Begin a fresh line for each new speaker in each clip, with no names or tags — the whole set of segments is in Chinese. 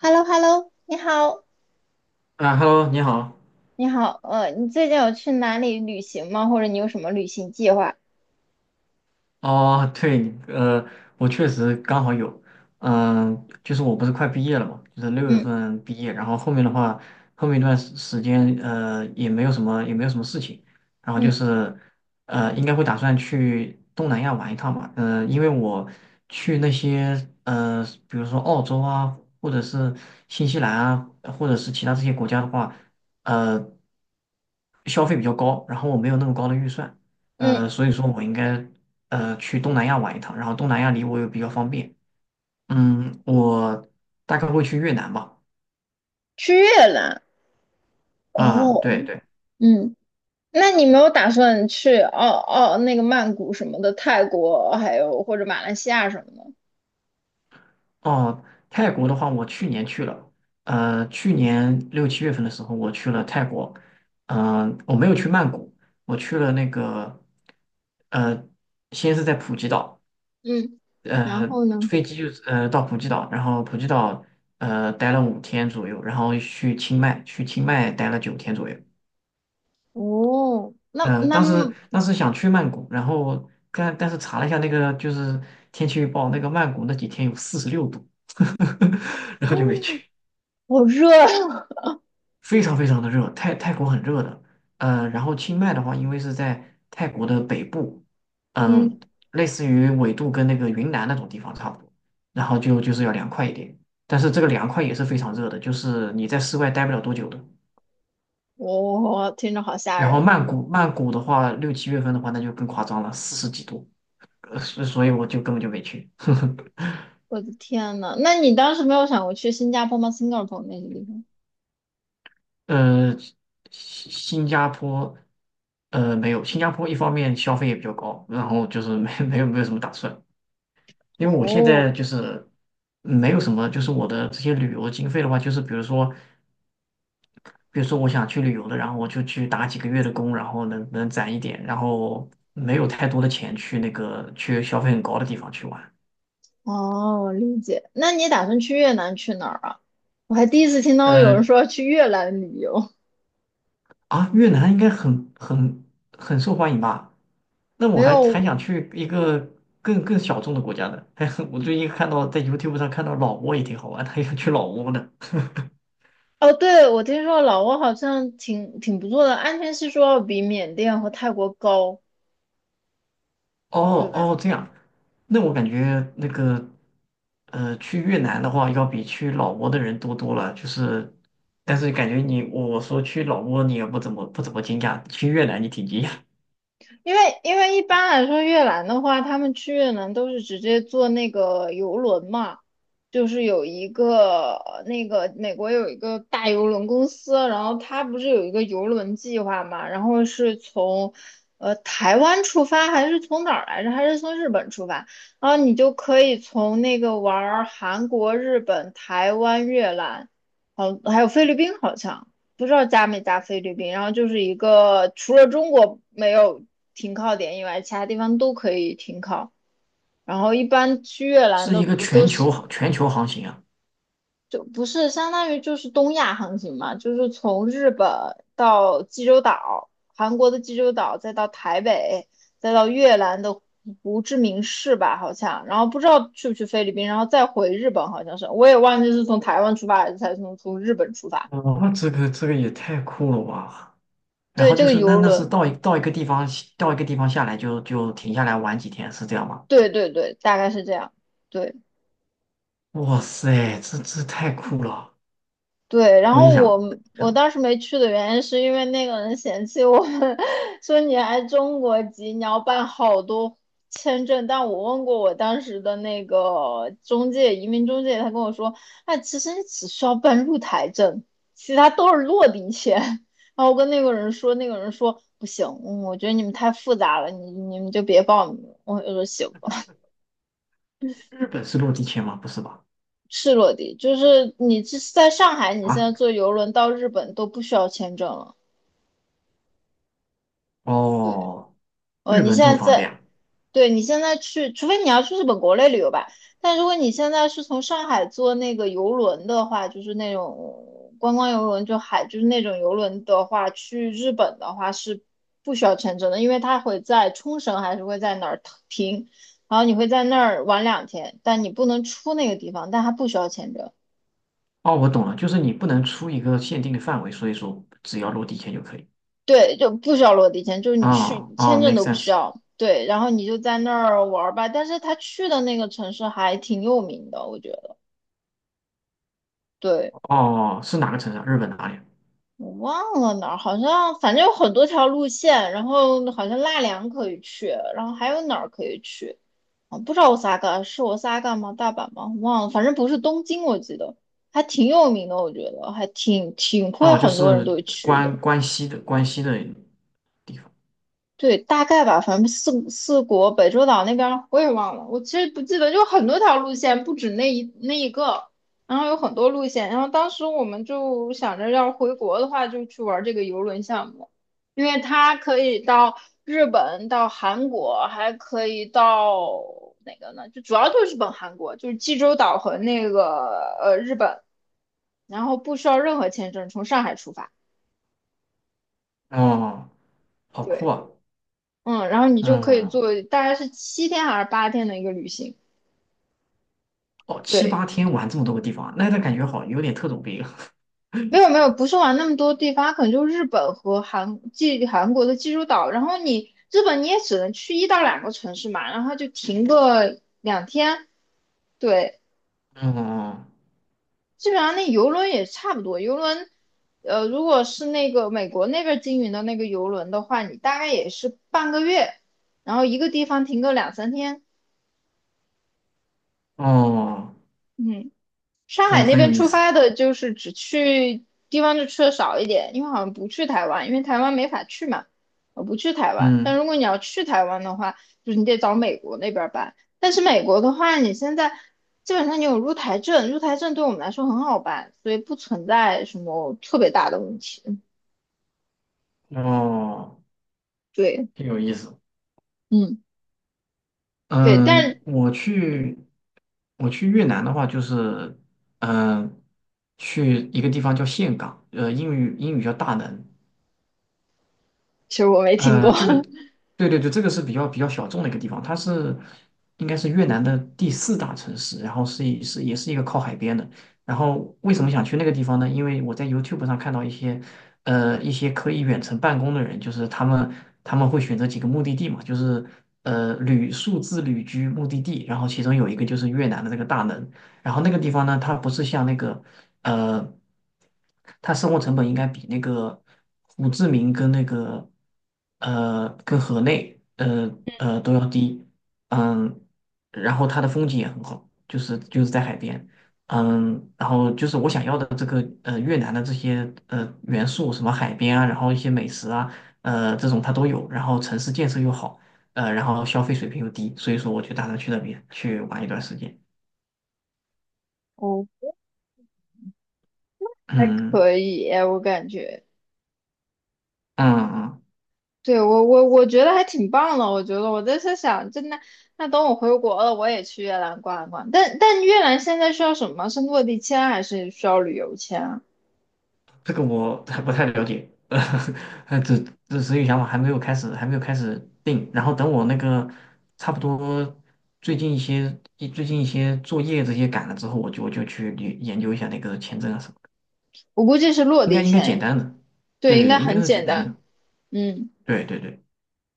h e l l o h e l l o 你好，
啊，Hello，你好。
你好，你最近有去哪里旅行吗？或者你有什么旅行计划？
哦，对，我确实刚好有，嗯、就是我不是快毕业了嘛，就是六月
嗯
份毕业，然后后面的话，后面一段时间，也没有什么，也没有什么事情，然后就
嗯
是，应该会打算去东南亚玩一趟吧，嗯、因为我去那些，比如说澳洲啊，或者是新西兰啊，或者是其他这些国家的话，呃。消费比较高，然后我没有那么高的预算，
嗯，
所以说我应该去东南亚玩一趟，然后东南亚离我又比较方便。嗯，我大概会去越南吧。
去越南
啊、
哦，
对对。
嗯，那你没有打算去那个曼谷什么的，泰国还有或者马来西亚什么的？
哦，泰国的话，我去年去了，去年六七月份的时候，我去了泰国，嗯、我没有去曼谷，我去了那个，呃，先是在普吉岛，
嗯，然
呃，
后呢？
飞机就是到普吉岛，然后普吉岛待了五天左右，然后去清迈，去清迈待了九天左右。
哦，
当时想去曼谷，然后但是查了一下那个就是天气预报，那个曼谷那几天有四十六度，然后就没
哦，
去。
好热啊，
非常的热，泰国很热的。然后清迈的话，因为是在泰国的北部，嗯、
嗯，
类似于纬度跟那个云南那种地方差不多，然后就是要凉快一点，但是这个凉快也是非常热的，就是你在室外待不了多久的。
听着好吓
然后
人，
曼谷的话，六七月份的话，那就更夸张了，四十几度。所以我就根本就没去。
我的天呐，那你当时没有想过去新加坡吗新加坡那些地方？
呃，新加坡，没有，新加坡一方面消费也比较高，然后就是没 没有什么打算，因为我现
哦，
在就是没有什么，就是我的这些旅游经费的话，就是比如说，比如说我想去旅游的，然后我就去打几个月的工，然后能攒一点，然后没有太多的钱去那个去消费很高的地方去玩。
哦，我理解。那你打算去越南去哪儿啊？我还第一次听到有人
嗯。
说要去越南旅游，
啊，越南应该很很受欢迎吧？那
没
我还
有。
想去一个更小众的国家呢。还很我最近看到在 YouTube 上看到老挝也挺好玩他还想去老挝呢。
哦，对，我听说老挝好像挺不错的，安全系数要比缅甸和泰国高，对
哦
吧？
哦，这样，那我感觉那个去越南的话，要比去老挝的人多多了。就是，但是感觉你我说去老挝，你也不怎么惊讶，去越南你挺惊讶，
因为一般来说，越南的话，他们去越南都是直接坐那个游轮嘛，就是有一个那个美国有一个大游轮公司，然后它不是有一个游轮计划嘛，然后是从台湾出发，还是从哪儿来着？还是从日本出发？然后你就可以从那个玩儿韩国、日本、台湾、越南，好，还有菲律宾好像。不知道加没加菲律宾，然后就是一个除了中国没有停靠点以外，其他地方都可以停靠。然后一般去越 南
是
的
一个
不都是
全球航行啊。
就不是相当于就是东亚航行嘛，就是从日本到济州岛，韩国的济州岛，再到台北，再到越南的胡志明市吧，好像。然后不知道去不去菲律宾，然后再回日本，好像是我也忘记是从台湾出发还是才从日本出发。
哇，这个也太酷了吧！然
对，
后
这
就
个
是那
游
那是
轮。
到一个地方到一个地方下来就停下来玩几天，是这样吗？
对对对，大概是这样。对
哇塞，这太酷了！
对，然
我一
后我
想，
我
想
当时没去的原因是因为那个人嫌弃我们，说你来中国籍，你要办好多签证。但我问过我当时的那个中介，移民中介，他跟我说，哎，其实你只需要办入台证，其他都是落地签。然后我跟那个人说，那个人说不行，嗯，我觉得你们太复杂了，你们就别报名了。我就说行吧。
日本是落地签吗？不是吧？
是落地，就是你这在上海，你现
啊，
在坐游轮到日本都不需要签证了。
哦，日
你
本
现
这么
在
方
在，
便啊？
对你现在去，除非你要去日本国内旅游吧。但如果你现在是从上海坐那个游轮的话，就是那种观光游轮，就海，就是那种游轮的话，去日本的话是不需要签证的，因为它会在冲绳还是会在哪儿停，然后你会在那儿玩两天，但你不能出那个地方，但它不需要签证。
哦，我懂了，就是你不能出一个限定的范围，所以说只要落地签就可以。
对，就不需要落地签，就是你
啊
去
啊
签证
，make
都不需
sense。
要。对，然后你就在那儿玩儿吧。但是他去的那个城市还挺有名的，我觉得。对，
哦，是哪个城市啊日本哪里
我忘了哪儿，好像反正有很多条路线，然后好像纳凉可以去，然后还有哪儿可以去？啊，不知道我 s a 是我 s a 吗？大阪吗？忘了，反正不是东京，我记得还挺有名的，我觉得还挺挺会
啊哦，就
很多人
是
都会去的。
关西的地方。
对，大概吧，反正四国北洲岛那边儿我也忘了，我其实不记得，就很多条路线，不止那一个，然后有很多路线，然后当时我们就想着要是回国的话，就去玩这个游轮项目，因为它可以到日本、到韩国，还可以到哪个呢？就主要就是日本、韩国，就是济州岛和那个日本，然后不需要任何签证，从上海出发。
哦，好酷
对。
啊！
嗯，然后你就可以
嗯。
做大概是7天还是8天的一个旅行。
哦，七
对，
八天玩这么多个地方啊，那那感觉好，有点特种兵。
没有没有，不是玩那么多地方，可能就日本和韩国的济州岛。然后你日本你也只能去1到2个城市嘛，然后就停个两天。对，
哦
基本上那游轮也差不多。游轮，如果是那个美国那边经营的那个游轮的话，你大概也是半个月，然后一个地方停个2、3天。
哦，
嗯。上海
很
那
很有
边
意
出
思。
发的，就是只去地方就去的少一点，因为好像不去台湾，因为台湾没法去嘛，我不去台湾。但
嗯，
如果你要去台湾的话，就是你得找美国那边儿办。但是美国的话，你现在基本上你有入台证，入台证对我们来说很好办，所以不存在什么特别大的问题。
哦，
对，
挺有意思。
嗯，对，但
嗯，我去越南的话，就是嗯，去一个地方叫岘港，呃，英语叫大能，
其实我没听过，
这个，对对对，这个是比较小众的一个地方，它是应该是越南的第四大城市，然后是一是也是一个靠海边的。然后为什么想去那个地方呢？因为我在 YouTube 上看到一些一些可以远程办公的人，就是他们会选择几个目的地嘛，就是数字旅居目的地，然后其中有一个就是越南的这个大门，然后那个地方呢，它不是像那个呃，他生活成本应该比那个胡志明跟那个跟河内都要低，嗯，然后它的风景也很好，就是在海边，嗯，然后就是我想要的这个越南的这些元素，什么海边啊，然后一些美食啊，这种它都有，然后城市建设又好，然后消费水平又低，所以说我就打算去那边去玩一段时间，
哦，还
嗯
可以，我感觉。
嗯嗯。
对，我觉得还挺棒的，我觉得我在想，真的，那等我回国了，我也去越南逛一逛。但越南现在需要什么？是落地签还是需要旅游签啊？
这个我还不太了解，呃，这这所以想法还没有开始，还没有开始定。然后等我那个差不多最近一些作业这些赶了之后，我就去研究一下那个签证啊什么的，
我估计是落地
应该简
签，
单的，对
对，应
对
该
对，应该
很
是简
简
单
单。
的，
嗯，
对对对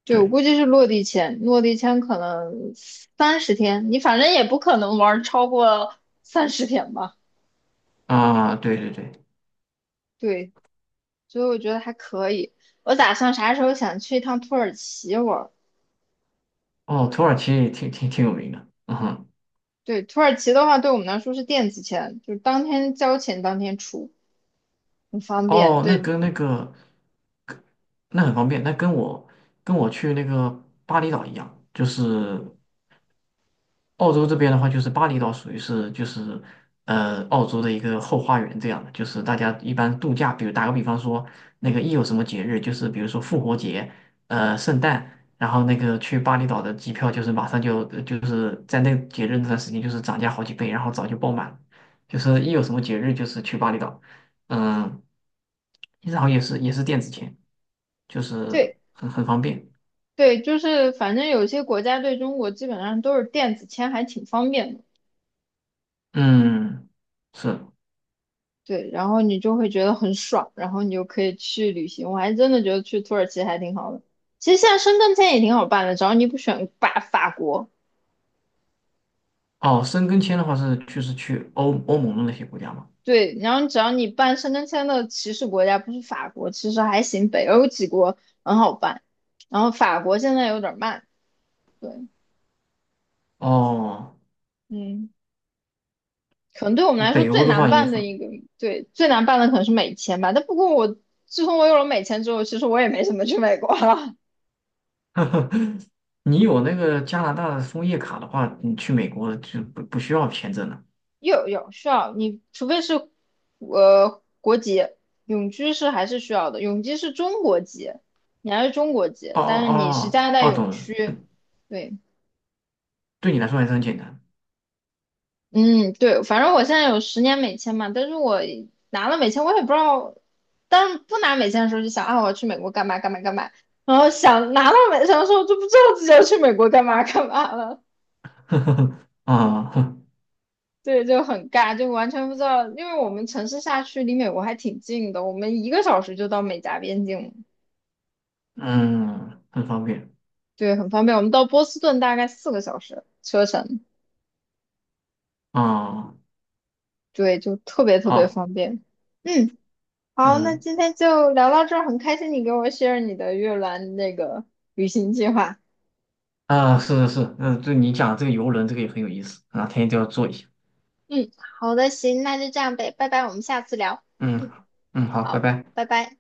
对，我
对
估计是落地签，落地签可能三十天，你反正也不可能玩超过三十天吧？
啊，对对对，
对，所以我觉得还可以。我打算啥时候想去一趟土耳其玩。
哦，土耳其也挺有名的，嗯哼，
对，土耳其的话，对我们来说是电子签，就是当天交钱当天出，很方便。
哦，那
对
跟那个那很方便，那跟我跟我去那个巴厘岛一样，就是。澳洲这边的话，就是巴厘岛属于是就是澳洲的一个后花园这样的，就是大家一般度假，比如打个比方说，那个一有什么节日，就是比如说复活节、圣诞，然后那个去巴厘岛的机票就是马上就是在那个节日那段时间就是涨价好几倍，然后早就爆满了就是一有什么节日就是去巴厘岛，嗯，其实好像也是电子钱，就是
对
很方便，
对，就是反正有些国家对中国基本上都是电子签，还挺方便的。
嗯，是。
对，然后你就会觉得很爽，然后你就可以去旅行。我还真的觉得去土耳其还挺好的。其实现在申根签也挺好办的，只要你不选国。
哦，申根签的话是就是去欧盟的那些国家嘛。
对，然后只要你办申根签的起始国家不是法国，其实还行，北欧几国很好办。然后法国现在有点慢。对，
哦，
嗯。可能对我们来说
北
最
欧的
难
话也
办的
很，
一个，对，最难办的可能是美签吧。但不过我自从我有了美签之后，其实我也没怎么去美国了。
你有那个加拿大的枫叶卡的话，你去美国就不需要签证了。
有需要你，除非是国籍，永居是还是需要的。永居是中国籍，你还是中国籍，
哦哦
但是你是
哦
加拿大
哦，
永
懂了，
居，对。
对你来说还是很简单。
嗯，对，反正我现在有10年美签嘛，但是我拿了美签，我也不知道，但是不拿美签的时候就想啊，我要去美国干嘛干嘛干嘛，然后想拿到美签的时候就不知道自己要去美国干嘛干嘛了，
啊，哼
对，就很尬，就完全不知道，因为我们城市下去离美国还挺近的，我们1个小时就到美加边境了
嗯，很方便。
对，很方便，我们到波士顿大概4个小时车程，
啊，
对，就特别特别
好，
方便，嗯。好，那
嗯，
今天就聊到这儿，很开心你给我 share 你的越南那个旅行计划。
啊，是是是，嗯，就你讲的这个游轮，这个也很有意思啊，天天都要做一下。
嗯，好的，行，那就这样呗，拜拜，我们下次聊。
嗯
嗯，
嗯，好，拜
好，
拜。
拜拜。